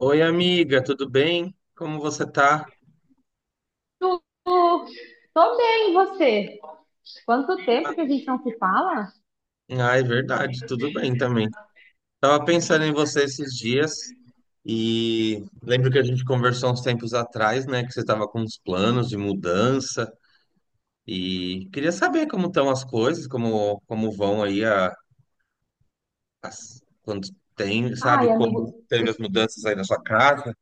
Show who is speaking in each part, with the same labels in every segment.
Speaker 1: Oi, amiga, tudo bem? Como você tá?
Speaker 2: Tu- Tô bem, e você? Quanto tempo que a gente não se fala?
Speaker 1: Ah, é verdade, tudo bem também. Tava pensando em você esses dias e lembro que a gente conversou uns tempos atrás, né, que você tava com uns planos de mudança e queria saber como estão as coisas, como vão aí a, as, quando tem,
Speaker 2: Ai,
Speaker 1: sabe, como
Speaker 2: amigo,
Speaker 1: teve
Speaker 2: os...
Speaker 1: as mudanças aí na sua casa.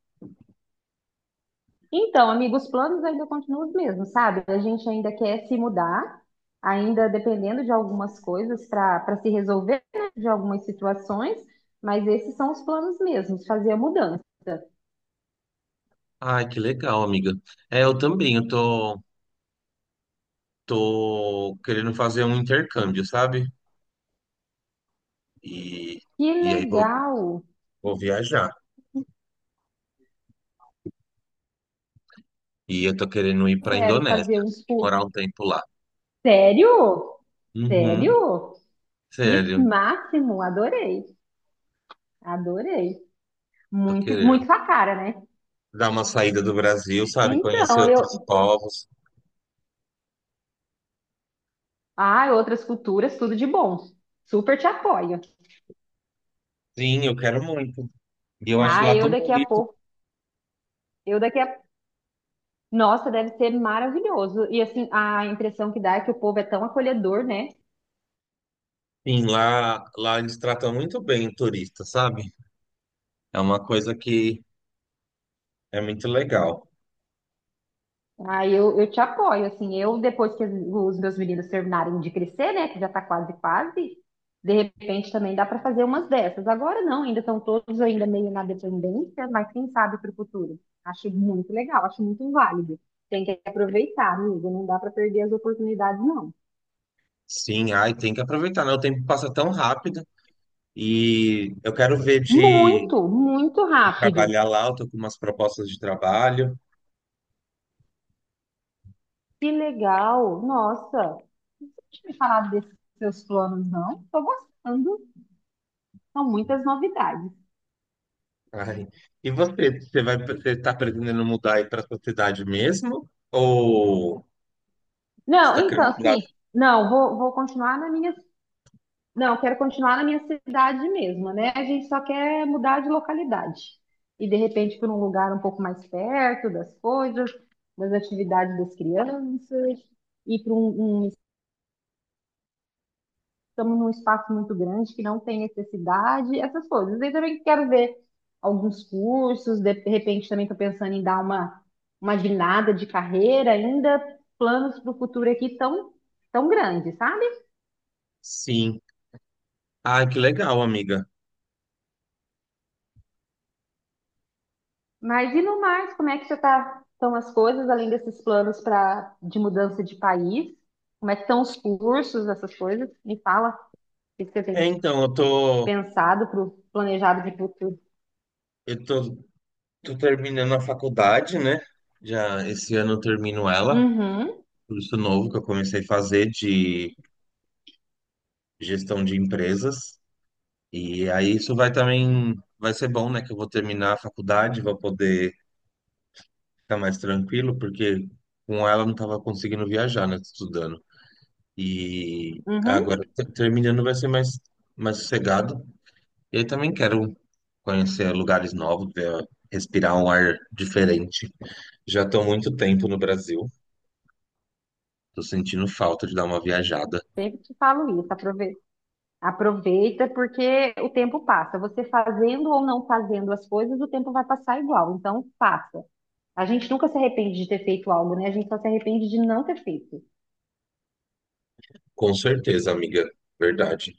Speaker 2: então, amigo, os planos ainda continuam os mesmos, sabe? A gente ainda quer se mudar, ainda dependendo de algumas coisas para se resolver, né, de algumas situações, mas esses são os planos mesmos, fazer a mudança.
Speaker 1: Ai, que legal, amiga. É, eu também, eu tô querendo fazer um intercâmbio, sabe? E
Speaker 2: Que
Speaker 1: e aí vou
Speaker 2: legal!
Speaker 1: Vou viajar. E eu tô querendo ir pra
Speaker 2: Quero
Speaker 1: Indonésia,
Speaker 2: fazer uns tour.
Speaker 1: morar um tempo lá.
Speaker 2: Sério?
Speaker 1: Uhum,
Speaker 2: Sério? Que
Speaker 1: sério,
Speaker 2: máximo! Adorei, adorei.
Speaker 1: tô
Speaker 2: Muito, muito
Speaker 1: querendo.
Speaker 2: sua cara, né?
Speaker 1: Dar uma saída do Brasil, sabe? Conhecer
Speaker 2: Então,
Speaker 1: outros
Speaker 2: eu.
Speaker 1: povos.
Speaker 2: Ah, outras culturas, tudo de bom. Super te apoio.
Speaker 1: Sim, eu quero muito. E eu acho
Speaker 2: Ah,
Speaker 1: lá
Speaker 2: eu
Speaker 1: tão
Speaker 2: daqui a
Speaker 1: bonito.
Speaker 2: pouco. Eu daqui a. Nossa, deve ser maravilhoso. E assim, a impressão que dá é que o povo é tão acolhedor, né?
Speaker 1: Sim, lá eles tratam muito bem o turista, sabe? É uma coisa que é muito legal.
Speaker 2: Ah, eu te apoio, assim, eu depois que os meus meninos terminarem de crescer, né, que já tá quase, quase, de repente também dá para fazer umas dessas. Agora não, ainda estão todos ainda meio na dependência, mas quem sabe para o futuro. Acho muito legal, acho muito válido. Tem que aproveitar, amigo, não dá para perder as oportunidades, não.
Speaker 1: Sim, ai, tem que aproveitar, né? O tempo passa tão rápido. E eu quero ver de
Speaker 2: Muito, muito
Speaker 1: de
Speaker 2: rápido.
Speaker 1: trabalhar lá, eu tô com umas propostas de trabalho.
Speaker 2: Que legal, nossa. Não tinha me falado desses seus planos, não. Tô gostando, são muitas novidades.
Speaker 1: Ai. E você, você vai, você está pretendendo mudar aí para sua cidade mesmo? Ou você
Speaker 2: Não,
Speaker 1: está
Speaker 2: então,
Speaker 1: querendo mudar?
Speaker 2: assim, não, vou continuar na minha. Não, quero continuar na minha cidade mesmo, né? A gente só quer mudar de localidade. E de repente para um lugar um pouco mais perto das coisas, das atividades das crianças, e estamos num espaço muito grande que não tem necessidade, essas coisas. E também quero ver alguns cursos, de repente também estou pensando em dar uma guinada de carreira, ainda planos para o futuro aqui tão, tão grandes, sabe?
Speaker 1: Sim. Ah, que legal, amiga.
Speaker 2: Mas e no mais, como é que já tá, estão as coisas, além desses planos de mudança de país? Como é que estão os cursos, essas coisas? Me fala o que você
Speaker 1: É,
Speaker 2: tem
Speaker 1: então, eu tô,
Speaker 2: pensado para o planejado de futuro.
Speaker 1: eu tô, tô terminando a faculdade, né? Já esse ano eu termino ela,
Speaker 2: Uhum,
Speaker 1: curso novo que eu comecei a fazer de gestão de empresas. E aí isso vai também, vai ser bom, né? Que eu vou terminar a faculdade, vou poder ficar mais tranquilo, porque com ela eu não estava conseguindo viajar, né? Estudando. E
Speaker 2: uhum,
Speaker 1: agora, terminando, vai ser mais, mais sossegado. E aí também quero conhecer lugares novos, respirar um ar diferente. Já estou há muito tempo no Brasil, estou sentindo falta de dar uma viajada.
Speaker 2: sempre te falo isso. Aproveita, aproveita porque o tempo passa. Você fazendo ou não fazendo as coisas, o tempo vai passar igual. Então, faça. A gente nunca se arrepende de ter feito algo, né? A gente só se arrepende de não ter feito.
Speaker 1: Com certeza, amiga, verdade.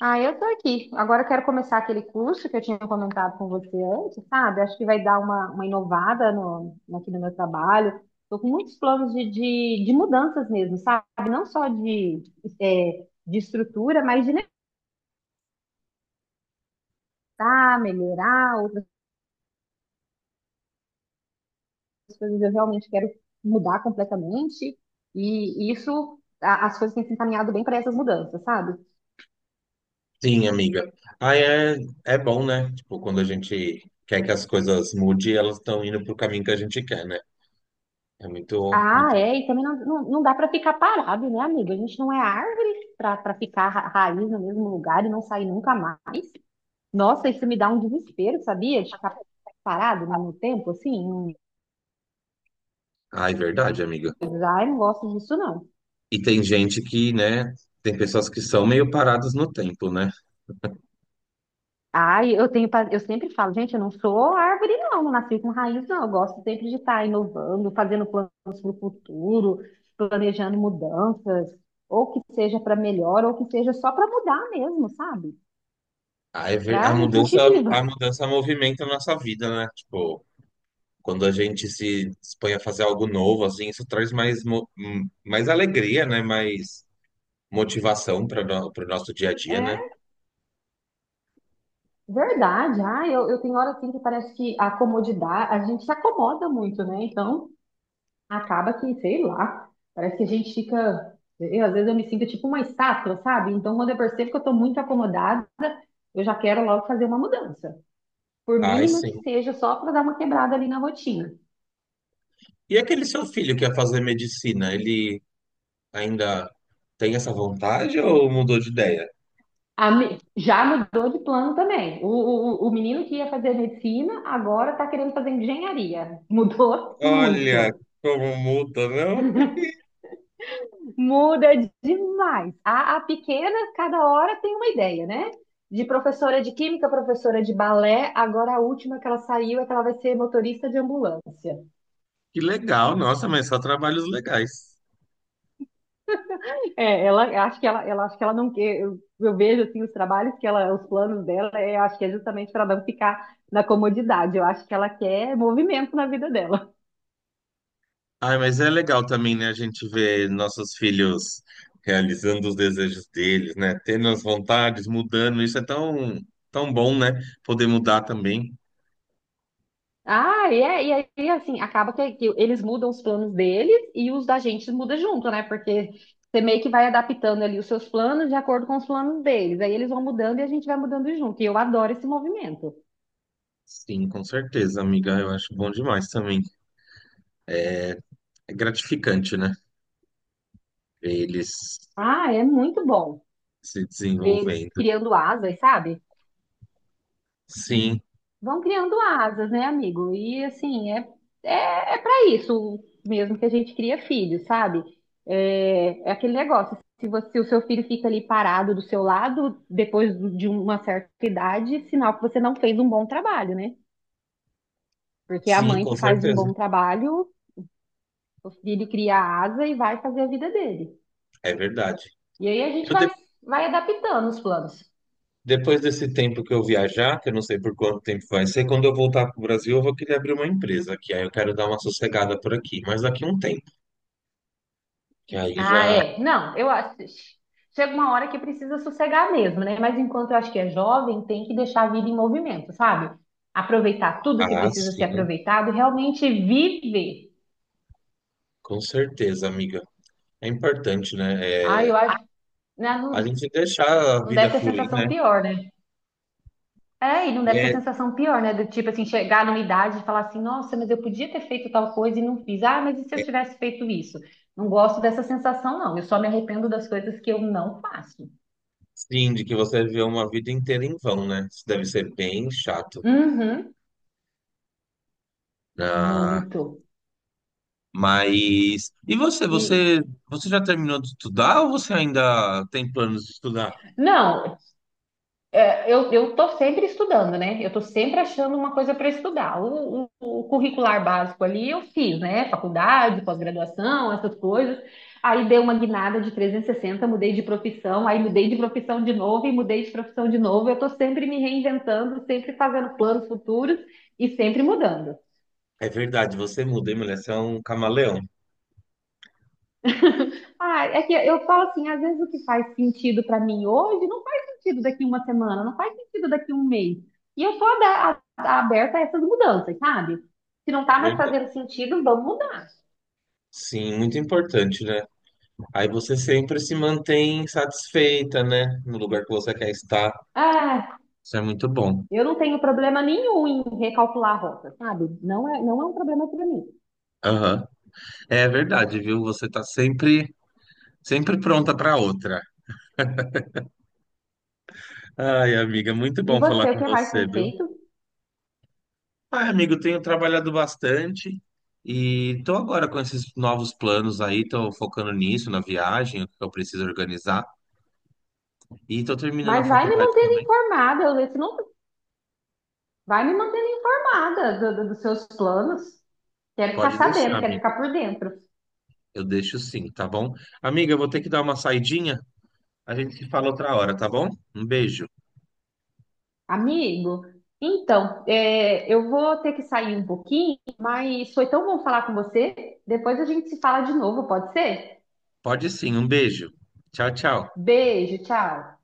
Speaker 2: Ah, eu tô aqui. Agora eu quero começar aquele curso que eu tinha comentado com você antes, sabe? Acho que vai dar uma inovada aqui no meu trabalho. Tô com muitos planos de mudanças mesmo, sabe? Não só de, é, de estrutura, mas de melhorar, melhorar outras coisas. Eu realmente quero mudar completamente. E isso, as coisas têm se encaminhado bem para essas mudanças, sabe?
Speaker 1: Sim, amiga. Ah, é, é bom, né? Tipo, quando a gente quer que as coisas mudem, elas estão indo pro caminho que a gente quer, né? É muito,
Speaker 2: Ah,
Speaker 1: muito...
Speaker 2: é, e também não dá para ficar parado, né, amiga? A gente não é árvore para ficar raiz no mesmo lugar e não sair nunca mais. Nossa, isso me dá um desespero, sabia? De ficar parado no tempo, assim.
Speaker 1: Ah, é verdade, amiga.
Speaker 2: Ai, não gosto disso, não.
Speaker 1: E tem gente que, né, tem pessoas que são meio paradas no tempo, né?
Speaker 2: Ai, eu sempre falo, gente, eu não sou árvore, não, não nasci com raiz, não. Eu gosto sempre de estar inovando, fazendo planos para o futuro, planejando mudanças, ou que seja para melhor, ou que seja só para mudar mesmo, sabe?
Speaker 1: A, ever- a
Speaker 2: Para me sentir
Speaker 1: mudança, a
Speaker 2: viva.
Speaker 1: mudança movimenta a nossa vida, né? Tipo, quando a gente se dispõe a fazer algo novo, assim, isso traz mais alegria, né? Mais motivação para o nosso dia a dia, né?
Speaker 2: É. Verdade, ah, eu tenho hora assim que parece que a comodidade, a gente se acomoda muito, né? Então, acaba que, sei lá, parece que a gente fica, eu, às vezes eu me sinto tipo uma estátua, sabe? Então, quando eu percebo que eu tô muito acomodada, eu já quero logo fazer uma mudança, por
Speaker 1: Ai,
Speaker 2: mínima que
Speaker 1: sim.
Speaker 2: seja, só para dar uma quebrada ali na rotina.
Speaker 1: E aquele seu filho que ia fazer medicina, ele ainda tem essa vontade ou mudou de ideia?
Speaker 2: Já mudou de plano também. O menino que ia fazer medicina agora tá querendo fazer engenharia. Mudou
Speaker 1: Olha
Speaker 2: muito.
Speaker 1: como muda, não?
Speaker 2: Muda demais. A pequena, cada hora tem uma ideia, né? De professora de química, professora de balé, agora a última que ela saiu é que ela vai ser motorista de ambulância.
Speaker 1: Que legal, nossa, mas só trabalhos legais.
Speaker 2: É, ela acho que ela não quer. Eu vejo assim os trabalhos que ela, os planos dela, é, acho que é justamente para não ficar na comodidade. Eu acho que ela quer movimento na vida dela.
Speaker 1: Ai, mas é legal também, né, a gente ver nossos filhos realizando os desejos deles, né, tendo as vontades, mudando, isso é tão, tão bom, né, poder mudar também.
Speaker 2: Ah, e aí, assim, acaba que eles mudam os planos deles e os da gente muda junto, né? Porque você meio que vai adaptando ali os seus planos de acordo com os planos deles. Aí eles vão mudando e a gente vai mudando junto. E eu adoro esse movimento.
Speaker 1: Sim, com certeza, amiga, eu acho bom demais também. É gratificante, né, ver eles
Speaker 2: Ah, é muito bom
Speaker 1: se
Speaker 2: ver eles
Speaker 1: desenvolvendo.
Speaker 2: criando asas, sabe?
Speaker 1: Sim,
Speaker 2: Vão criando asas, né, amigo? E assim, é para isso mesmo que a gente cria filho, sabe? É, é aquele negócio. Se o seu filho fica ali parado do seu lado, depois de uma certa idade, sinal que você não fez um bom trabalho, né? Porque a
Speaker 1: sim,
Speaker 2: mãe que
Speaker 1: com
Speaker 2: faz um bom
Speaker 1: certeza,
Speaker 2: trabalho, o filho cria asa e vai fazer a vida dele.
Speaker 1: é verdade.
Speaker 2: E aí
Speaker 1: Eu de-
Speaker 2: vai adaptando os planos.
Speaker 1: Depois desse tempo que eu viajar, que eu não sei por quanto tempo vai ser, quando eu voltar para o Brasil, eu vou querer abrir uma empresa aqui, aí eu quero dar uma sossegada por aqui, mas daqui a um tempo. Que aí
Speaker 2: Ah,
Speaker 1: já.
Speaker 2: é. Não, eu acho. Chega uma hora que precisa sossegar mesmo, né? Mas enquanto eu acho que é jovem, tem que deixar a vida em movimento, sabe? Aproveitar tudo que
Speaker 1: Ah,
Speaker 2: precisa ser
Speaker 1: sim,
Speaker 2: aproveitado, e realmente viver.
Speaker 1: com certeza, amiga. É importante, né?
Speaker 2: Ah,
Speaker 1: É,
Speaker 2: eu acho. Né,
Speaker 1: a
Speaker 2: não,
Speaker 1: gente deixar a
Speaker 2: não
Speaker 1: vida
Speaker 2: deve ter
Speaker 1: fluir,
Speaker 2: sensação
Speaker 1: né?
Speaker 2: pior, né? É, e não deve ter
Speaker 1: É
Speaker 2: sensação pior, né? Do tipo assim, chegar numa idade e falar assim, nossa, mas eu podia ter feito tal coisa e não fiz. Ah, mas e se eu tivesse feito isso? Não gosto dessa sensação, não. Eu só me arrependo das coisas que eu não faço.
Speaker 1: sim, de que você viveu uma vida inteira em vão, né? Isso deve ser bem chato.
Speaker 2: Uhum,
Speaker 1: Ah,
Speaker 2: muito.
Speaker 1: mas. E você?
Speaker 2: E.
Speaker 1: Você, você já terminou de estudar ou você ainda tem planos de estudar?
Speaker 2: Não, cara, eu tô sempre estudando, né? Eu tô sempre achando uma coisa para estudar. O curricular básico ali eu fiz, né? Faculdade, pós-graduação, essas coisas. Aí dei uma guinada de 360, mudei de profissão, aí mudei de profissão de novo e mudei de profissão de novo. Eu tô sempre me reinventando, sempre fazendo planos futuros e sempre mudando.
Speaker 1: É verdade, você muda, hein, mulher? Você é um camaleão.
Speaker 2: Ah, é que eu falo assim, às vezes o que faz sentido para mim hoje não faz sentido daqui uma semana, não faz sentido daqui um mês. E eu tô aberta a essas mudanças, sabe? Se não tá mais
Speaker 1: Verdade.
Speaker 2: fazendo sentido, vamos mudar.
Speaker 1: Sim, muito importante, né? Aí você sempre se mantém satisfeita, né? No lugar que você quer estar.
Speaker 2: Ah,
Speaker 1: Isso é muito bom.
Speaker 2: eu não tenho problema nenhum em recalcular a rota, sabe? Não é um problema para mim.
Speaker 1: Aham. É verdade, viu? Você tá sempre, sempre pronta para outra. Ai, amiga, muito
Speaker 2: E
Speaker 1: bom falar
Speaker 2: você, o
Speaker 1: com
Speaker 2: que mais
Speaker 1: você,
Speaker 2: tem
Speaker 1: viu?
Speaker 2: feito?
Speaker 1: Ai, amigo, tenho trabalhado bastante e tô agora com esses novos planos aí, tô focando nisso, na viagem, o que eu preciso organizar e tô terminando a
Speaker 2: Mas vai me
Speaker 1: faculdade
Speaker 2: mantendo
Speaker 1: também.
Speaker 2: informada, eu- se não, vai me mantendo informada dos seus planos. Quero ficar
Speaker 1: Pode deixar,
Speaker 2: sabendo, quero
Speaker 1: amiga.
Speaker 2: ficar por dentro.
Speaker 1: Eu deixo sim, tá bom? Amiga, eu vou ter que dar uma saidinha. A gente se fala outra hora, tá bom? Um beijo.
Speaker 2: Amigo, então, é, eu vou ter que sair um pouquinho, mas foi tão bom falar com você. Depois a gente se fala de novo, pode ser?
Speaker 1: Pode sim, um beijo. Tchau, tchau.
Speaker 2: Beijo, tchau.